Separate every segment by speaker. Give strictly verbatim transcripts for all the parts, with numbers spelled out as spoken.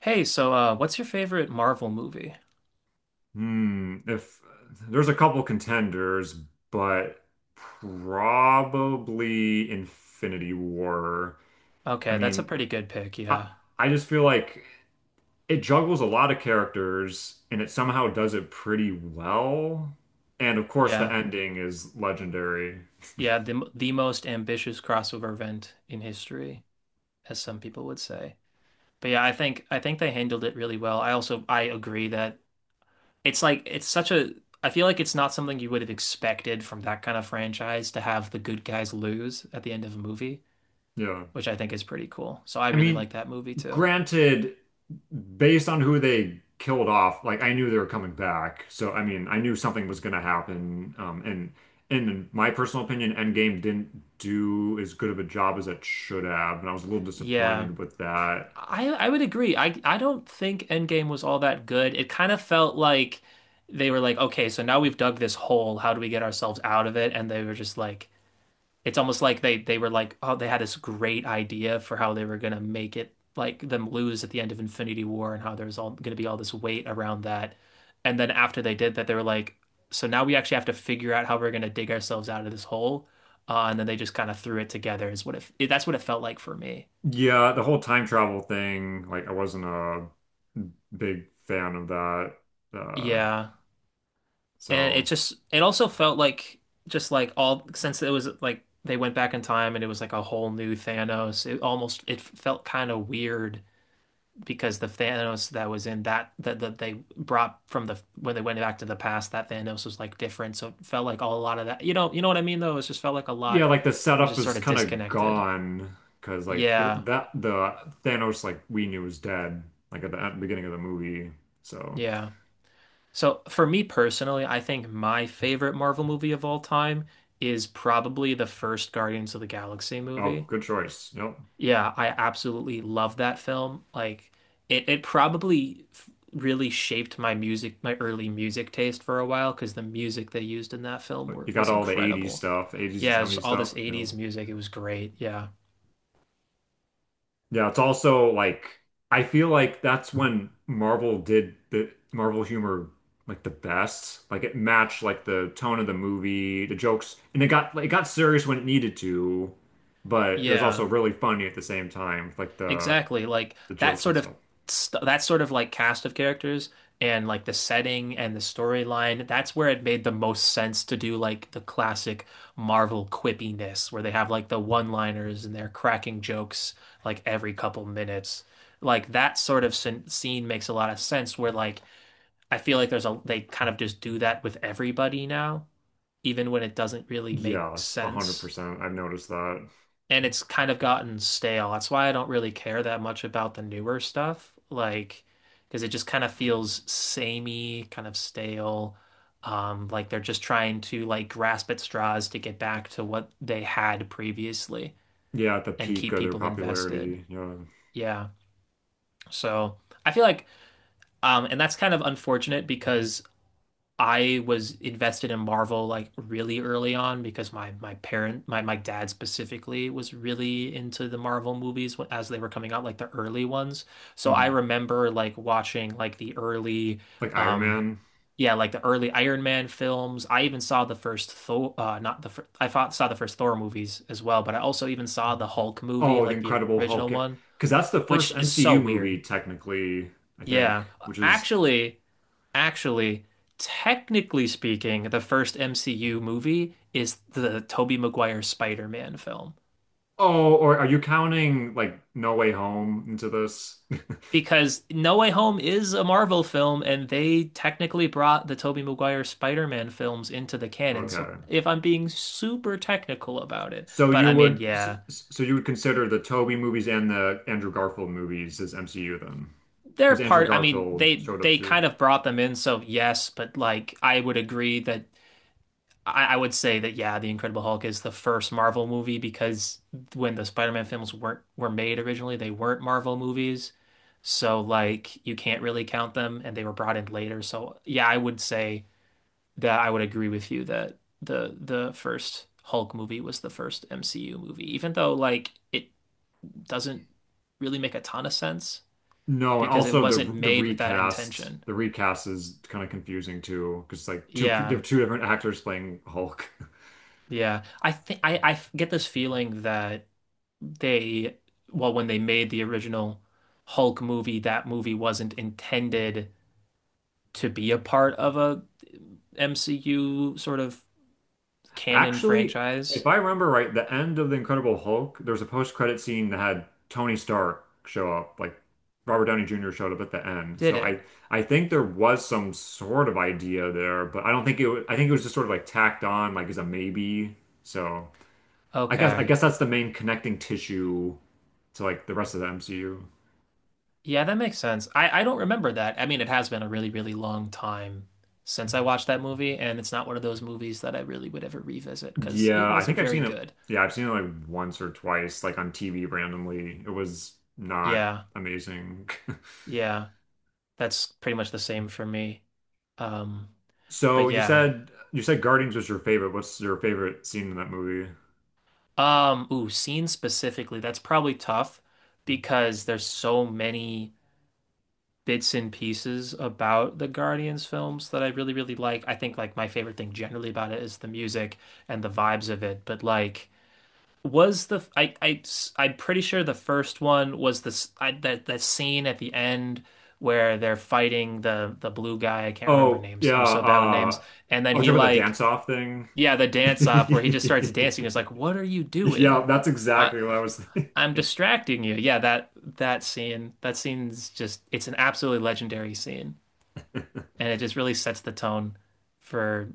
Speaker 1: Hey, so uh, what's your favorite Marvel movie?
Speaker 2: Hmm. If there's a couple contenders, but probably Infinity War. I
Speaker 1: Okay, that's a
Speaker 2: mean,
Speaker 1: pretty good pick.
Speaker 2: I
Speaker 1: Yeah,
Speaker 2: I just feel like it juggles a lot of characters and it somehow does it pretty well. And of course, the
Speaker 1: yeah,
Speaker 2: ending is legendary.
Speaker 1: yeah. The the most ambitious crossover event in history, as some people would say. But yeah, I think I think they handled it really well. I also I agree that it's like it's such a I feel like it's not something you would have expected from that kind of franchise to have the good guys lose at the end of a movie,
Speaker 2: Yeah.
Speaker 1: which I think is pretty cool. So I
Speaker 2: I
Speaker 1: really
Speaker 2: mean,
Speaker 1: like that movie too.
Speaker 2: granted, based on who they killed off, like I knew they were coming back. So I mean, I knew something was going to happen. Um, and and in my personal opinion, Endgame didn't do as good of a job as it should have, and I was a little
Speaker 1: Yeah.
Speaker 2: disappointed with that.
Speaker 1: I I would agree. I I don't think Endgame was all that good. It kind of felt like they were like, okay, so now we've dug this hole. How do we get ourselves out of it? And they were just like, it's almost like they they were like, oh, they had this great idea for how they were gonna make it like them lose at the end of Infinity War and how there's all gonna be all this weight around that. And then after they did that, they were like, so now we actually have to figure out how we're gonna dig ourselves out of this hole. Uh, and then they just kind of threw it together is what it, that's what it felt like for me.
Speaker 2: Yeah, the whole time travel thing, like I wasn't a big fan of that. Uh,
Speaker 1: Yeah. And it
Speaker 2: so.
Speaker 1: just it also felt like just like all since it was like they went back in time and it was like a whole new Thanos, it almost it felt kind of weird because the Thanos that was in that that that they brought from the when they went back to the past, that Thanos was like different. So it felt like all a lot of that, you know you know what I mean, though. It just felt like a
Speaker 2: Yeah,
Speaker 1: lot
Speaker 2: like the
Speaker 1: was
Speaker 2: setup
Speaker 1: just sort
Speaker 2: was
Speaker 1: of
Speaker 2: kind of
Speaker 1: disconnected.
Speaker 2: gone because like the,
Speaker 1: Yeah,
Speaker 2: that the Thanos like we knew was dead like at the end- beginning of the movie. So.
Speaker 1: yeah. So for me personally, I think my favorite Marvel movie of all time is probably the first Guardians of the Galaxy
Speaker 2: Oh,
Speaker 1: movie.
Speaker 2: good choice. Yep,
Speaker 1: Yeah, I absolutely love that film. Like it it probably f- really shaped my music, my early music taste for a while because the music they used in that film
Speaker 2: but
Speaker 1: were,
Speaker 2: you got
Speaker 1: was
Speaker 2: all the eighties
Speaker 1: incredible.
Speaker 2: stuff, eighties and
Speaker 1: Yeah, it was
Speaker 2: seventies
Speaker 1: all
Speaker 2: stuff.
Speaker 1: this
Speaker 2: You
Speaker 1: eighties
Speaker 2: know,
Speaker 1: music. It was great. Yeah.
Speaker 2: yeah. It's also like I feel like that's when Marvel did the Marvel humor like the best. Like it matched like the tone of the movie, the jokes, and it got like, it got serious when it needed to, but it was also
Speaker 1: Yeah.
Speaker 2: really funny at the same time. Like the
Speaker 1: Exactly. Like
Speaker 2: the
Speaker 1: that
Speaker 2: jokes and
Speaker 1: sort of
Speaker 2: stuff.
Speaker 1: st that sort of like cast of characters and like the setting and the storyline, that's where it made the most sense to do like the classic Marvel quippiness where they have like the one-liners and they're cracking jokes like every couple minutes. Like that sort of scen- scene makes a lot of sense where like I feel like there's a they kind of just do that with everybody now, even when it doesn't really make
Speaker 2: Yes,
Speaker 1: sense,
Speaker 2: one hundred percent. I've noticed that.
Speaker 1: and it's kind of gotten stale. That's why I don't really care that much about the newer stuff, like because it just kind of feels samey, kind of stale. Um, like they're just trying to like grasp at straws to get back to what they had previously
Speaker 2: Yeah, at the
Speaker 1: and
Speaker 2: peak
Speaker 1: keep
Speaker 2: of their
Speaker 1: people invested.
Speaker 2: popularity. Yeah.
Speaker 1: Yeah. So I feel like, um, and that's kind of unfortunate because I was invested in Marvel like really early on because my my parent my my dad specifically was really into the Marvel movies wh- as they were coming out, like the early ones. So I
Speaker 2: Hmm.
Speaker 1: remember like watching like the early
Speaker 2: Like Iron
Speaker 1: um
Speaker 2: Man.
Speaker 1: yeah, like the early Iron Man films. I even saw the first Thor, uh not the fir I thought, saw the first Thor movies as well, but I also even saw the Hulk movie,
Speaker 2: Oh, the
Speaker 1: like the
Speaker 2: Incredible Hulk.
Speaker 1: original
Speaker 2: Yeah.
Speaker 1: one,
Speaker 2: Because that's the first
Speaker 1: which is so
Speaker 2: M C U movie,
Speaker 1: weird.
Speaker 2: technically, I think,
Speaker 1: Yeah.
Speaker 2: which is.
Speaker 1: Actually, Actually, technically speaking, the first M C U movie is the Tobey Maguire Spider-Man film.
Speaker 2: Oh, or are you counting like No Way Home into this?
Speaker 1: Because No Way Home is a Marvel film, and they technically brought the Tobey Maguire Spider-Man films into the canon. So
Speaker 2: Okay.
Speaker 1: if I'm being super technical about it,
Speaker 2: So
Speaker 1: but
Speaker 2: you
Speaker 1: I mean,
Speaker 2: would s-
Speaker 1: yeah,
Speaker 2: s- so you would consider the Tobey movies and the Andrew Garfield movies as M C U then?
Speaker 1: they're
Speaker 2: Because Andrew
Speaker 1: part. I mean,
Speaker 2: Garfield
Speaker 1: they
Speaker 2: showed up
Speaker 1: they
Speaker 2: too.
Speaker 1: kind of brought them in. So yes, but like I would agree that I, I would say that yeah, The Incredible Hulk is the first Marvel movie because when the Spider-Man films weren't were made originally, they weren't Marvel movies. So like you can't really count them, and they were brought in later. So yeah, I would say that I would agree with you that the the first Hulk movie was the first M C U movie, even though like it doesn't really make a ton of sense
Speaker 2: No, and
Speaker 1: because it
Speaker 2: also
Speaker 1: wasn't
Speaker 2: the the
Speaker 1: made with that
Speaker 2: recast,
Speaker 1: intention.
Speaker 2: the recast is kind of confusing too, because it's like two pe- there are
Speaker 1: Yeah.
Speaker 2: two different actors playing Hulk.
Speaker 1: Yeah. I think I I get this feeling that they well when they made the original Hulk movie, that movie wasn't intended to be a part of a M C U sort of canon
Speaker 2: Actually,
Speaker 1: franchise,
Speaker 2: if I remember right, the end of The Incredible Hulk, there was a post-credit scene that had Tony Stark show up, like Robert Downey Junior showed up at the end.
Speaker 1: did
Speaker 2: So
Speaker 1: it?
Speaker 2: I I think there was some sort of idea there, but I don't think it was, I think it was just sort of like tacked on, like as a maybe. So I guess I
Speaker 1: Okay.
Speaker 2: guess that's the main connecting tissue to like the rest of the M C U.
Speaker 1: Yeah, that makes sense. I, I don't remember that. I mean, it has been a really, really long time since I watched that movie, and it's not one of those movies that I really would ever revisit because it
Speaker 2: Yeah, I think
Speaker 1: wasn't
Speaker 2: I've
Speaker 1: very
Speaker 2: seen it.
Speaker 1: good.
Speaker 2: Yeah, I've seen it like once or twice, like on T V randomly. It was not
Speaker 1: Yeah,
Speaker 2: amazing.
Speaker 1: yeah, that's pretty much the same for me. Um, but
Speaker 2: So you
Speaker 1: yeah.
Speaker 2: said you said Guardians was your favorite. What's your favorite scene in that movie?
Speaker 1: Um, ooh, scene specifically, that's probably tough because there's so many bits and pieces about the Guardians films that I really, really like. I think like my favorite thing generally about it is the music and the vibes of it. But like, was the I I I'm pretty sure the first one was this I, that that scene at the end where they're fighting the the blue guy. I can't remember
Speaker 2: Oh,
Speaker 1: names.
Speaker 2: yeah,
Speaker 1: I'm so bad with names.
Speaker 2: uh
Speaker 1: And then
Speaker 2: oh, talk
Speaker 1: he
Speaker 2: about the
Speaker 1: like
Speaker 2: dance off thing.
Speaker 1: yeah, the dance off where he just starts dancing. It's like, what are you doing?
Speaker 2: Yeah, that's
Speaker 1: I
Speaker 2: exactly what I was
Speaker 1: I'm
Speaker 2: thinking.
Speaker 1: distracting you. Yeah, that that scene, that scene's just it's an absolutely legendary scene, and it just really sets the tone for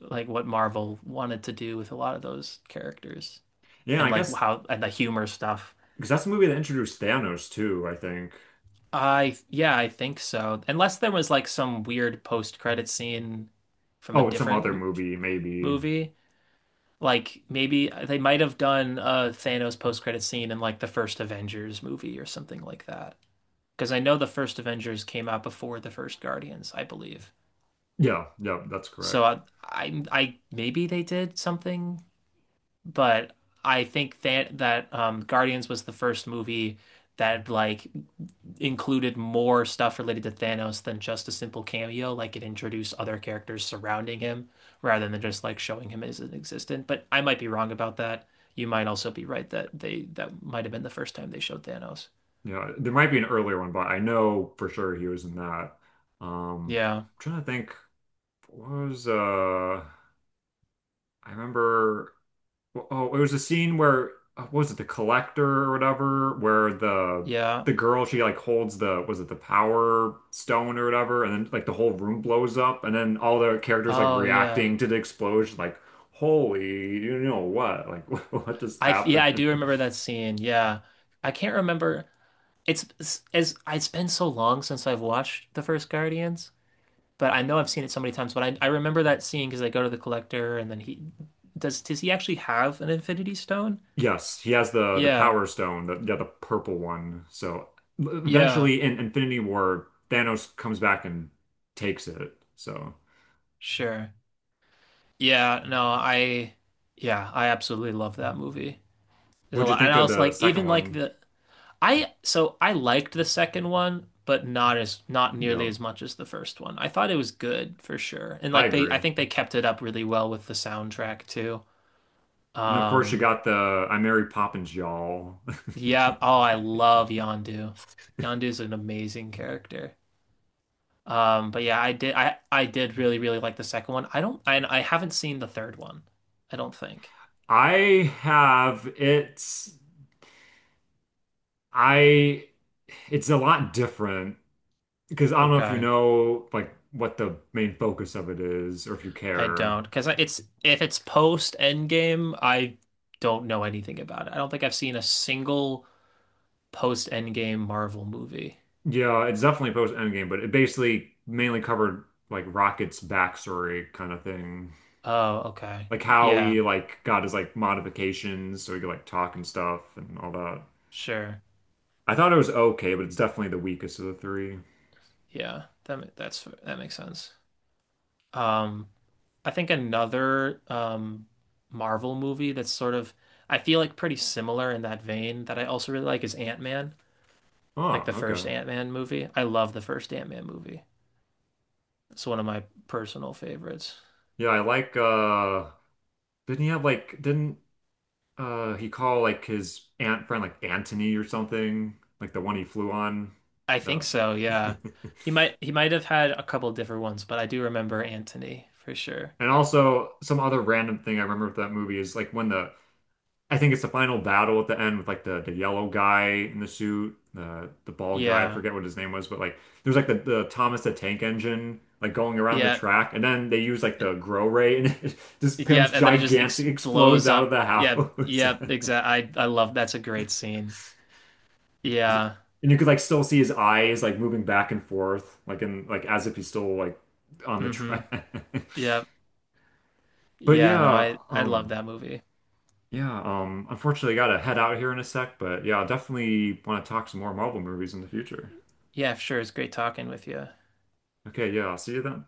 Speaker 1: like what Marvel wanted to do with a lot of those characters
Speaker 2: Yeah,
Speaker 1: and
Speaker 2: I
Speaker 1: like
Speaker 2: guess
Speaker 1: how and the humor stuff.
Speaker 2: because that's the movie that introduced Thanos too, I think.
Speaker 1: I Yeah, I think so. Unless there was like some weird post-credit scene from a
Speaker 2: Oh, in some
Speaker 1: different
Speaker 2: other
Speaker 1: mo
Speaker 2: movie, maybe.
Speaker 1: movie, like maybe they might have done a Thanos post-credit scene in like the first Avengers movie or something like that, because I know the first Avengers came out before the first Guardians, I believe.
Speaker 2: Yeah, yeah, that's
Speaker 1: So
Speaker 2: correct.
Speaker 1: I, I, I maybe they did something, but I think that that um, Guardians was the first movie that like included more stuff related to Thanos than just a simple cameo. Like it introduced other characters surrounding him rather than just like showing him as an existent. But I might be wrong about that. You might also be right that they that might have been the first time they showed Thanos.
Speaker 2: You know, there might be an earlier one, but I know for sure he was in that. Um,
Speaker 1: Yeah,
Speaker 2: I'm trying to think, what was uh I remember, oh, it was a scene where, uh, what was it, the collector or whatever, where the
Speaker 1: yeah.
Speaker 2: the girl, she like holds the, was it the Power Stone or whatever, and then like the whole room blows up and then all the characters like
Speaker 1: Oh yeah.
Speaker 2: reacting to the explosion like, holy, you know what, like, what just
Speaker 1: I Yeah, I
Speaker 2: happened.
Speaker 1: do remember that scene. Yeah. I can't remember. It's, it's as it's been so long since I've watched the first Guardians, but I know I've seen it so many times, but I I remember that scene because they go to the collector, and then he does does he actually have an Infinity Stone?
Speaker 2: Yes, he has the the
Speaker 1: Yeah.
Speaker 2: Power Stone, the, yeah, the purple one. So
Speaker 1: Yeah.
Speaker 2: eventually in Infinity War, Thanos comes back and takes it. So
Speaker 1: Sure. Yeah, no, I yeah, I absolutely love that movie. There's a
Speaker 2: what'd you
Speaker 1: lot. And
Speaker 2: think
Speaker 1: I
Speaker 2: of
Speaker 1: was
Speaker 2: the
Speaker 1: like
Speaker 2: second
Speaker 1: even like
Speaker 2: one?
Speaker 1: the I so I liked the second one, but not as not nearly
Speaker 2: Yeah,
Speaker 1: as much as the first one. I thought it was good for sure. And
Speaker 2: I
Speaker 1: like they I
Speaker 2: agree.
Speaker 1: think they kept it up really well with the soundtrack too.
Speaker 2: And of course you
Speaker 1: Um
Speaker 2: got the, I Mary Poppins, y'all.
Speaker 1: yeah, oh I love Yondu. Yondu's an amazing character. Um but yeah, I did I I did really really like the second one. I don't I I haven't seen the third one. I don't think.
Speaker 2: I have it's I it's a lot different because I don't know if you
Speaker 1: Okay.
Speaker 2: know like what the main focus of it is or if you
Speaker 1: I
Speaker 2: care.
Speaker 1: don't because it's if it's post Endgame, I don't know anything about it. I don't think I've seen a single post Endgame Marvel movie.
Speaker 2: Yeah, it's definitely post Endgame, but it basically mainly covered like Rocket's backstory kind of thing.
Speaker 1: Oh, okay.
Speaker 2: Like how
Speaker 1: Yeah,
Speaker 2: he like got his like modifications so he could like talk and stuff and all that.
Speaker 1: sure.
Speaker 2: I thought it was okay, but it's definitely the weakest of the three.
Speaker 1: Yeah, that ma- that's that makes sense. Um, I think another um Marvel movie that's sort of I feel like pretty similar in that vein that I also really like is Ant-Man, like
Speaker 2: Oh,
Speaker 1: the first
Speaker 2: okay.
Speaker 1: Ant-Man movie. I love the first Ant-Man movie. It's one of my personal favorites.
Speaker 2: Yeah, I like, uh didn't he have like, didn't uh he call like his aunt friend like Anthony or something? Like the one he flew on?
Speaker 1: I think
Speaker 2: The.
Speaker 1: so, yeah. He might he might have had a couple different ones, but I do remember Anthony for sure.
Speaker 2: And also some other random thing I remember with that movie is like when the I think it's the final battle at the end with like the the yellow guy in the suit, uh, the bald guy. I
Speaker 1: Yeah.
Speaker 2: forget what his name was, but like there's like the, the Thomas the Tank Engine like going around the
Speaker 1: Yeah,
Speaker 2: track, and then they use like the grow ray, and it just
Speaker 1: Yeah,
Speaker 2: becomes
Speaker 1: and then it just ex
Speaker 2: gigantic, explodes
Speaker 1: blows
Speaker 2: out of
Speaker 1: up.
Speaker 2: the house,
Speaker 1: Yeah, yeah, exactly. I I love that's a great scene.
Speaker 2: and
Speaker 1: Yeah.
Speaker 2: you could like still see his eyes like moving back and forth, like in like as if he's still like on the
Speaker 1: Mm-hmm.
Speaker 2: track.
Speaker 1: Yeah.
Speaker 2: But
Speaker 1: Yeah, no,
Speaker 2: yeah,
Speaker 1: I I love
Speaker 2: um,
Speaker 1: that movie.
Speaker 2: yeah, um, unfortunately, I gotta head out here in a sec. But yeah, i definitely want to talk some more Marvel movies in the future.
Speaker 1: Yeah, sure. It's great talking with you.
Speaker 2: Okay, yeah, I'll see you then.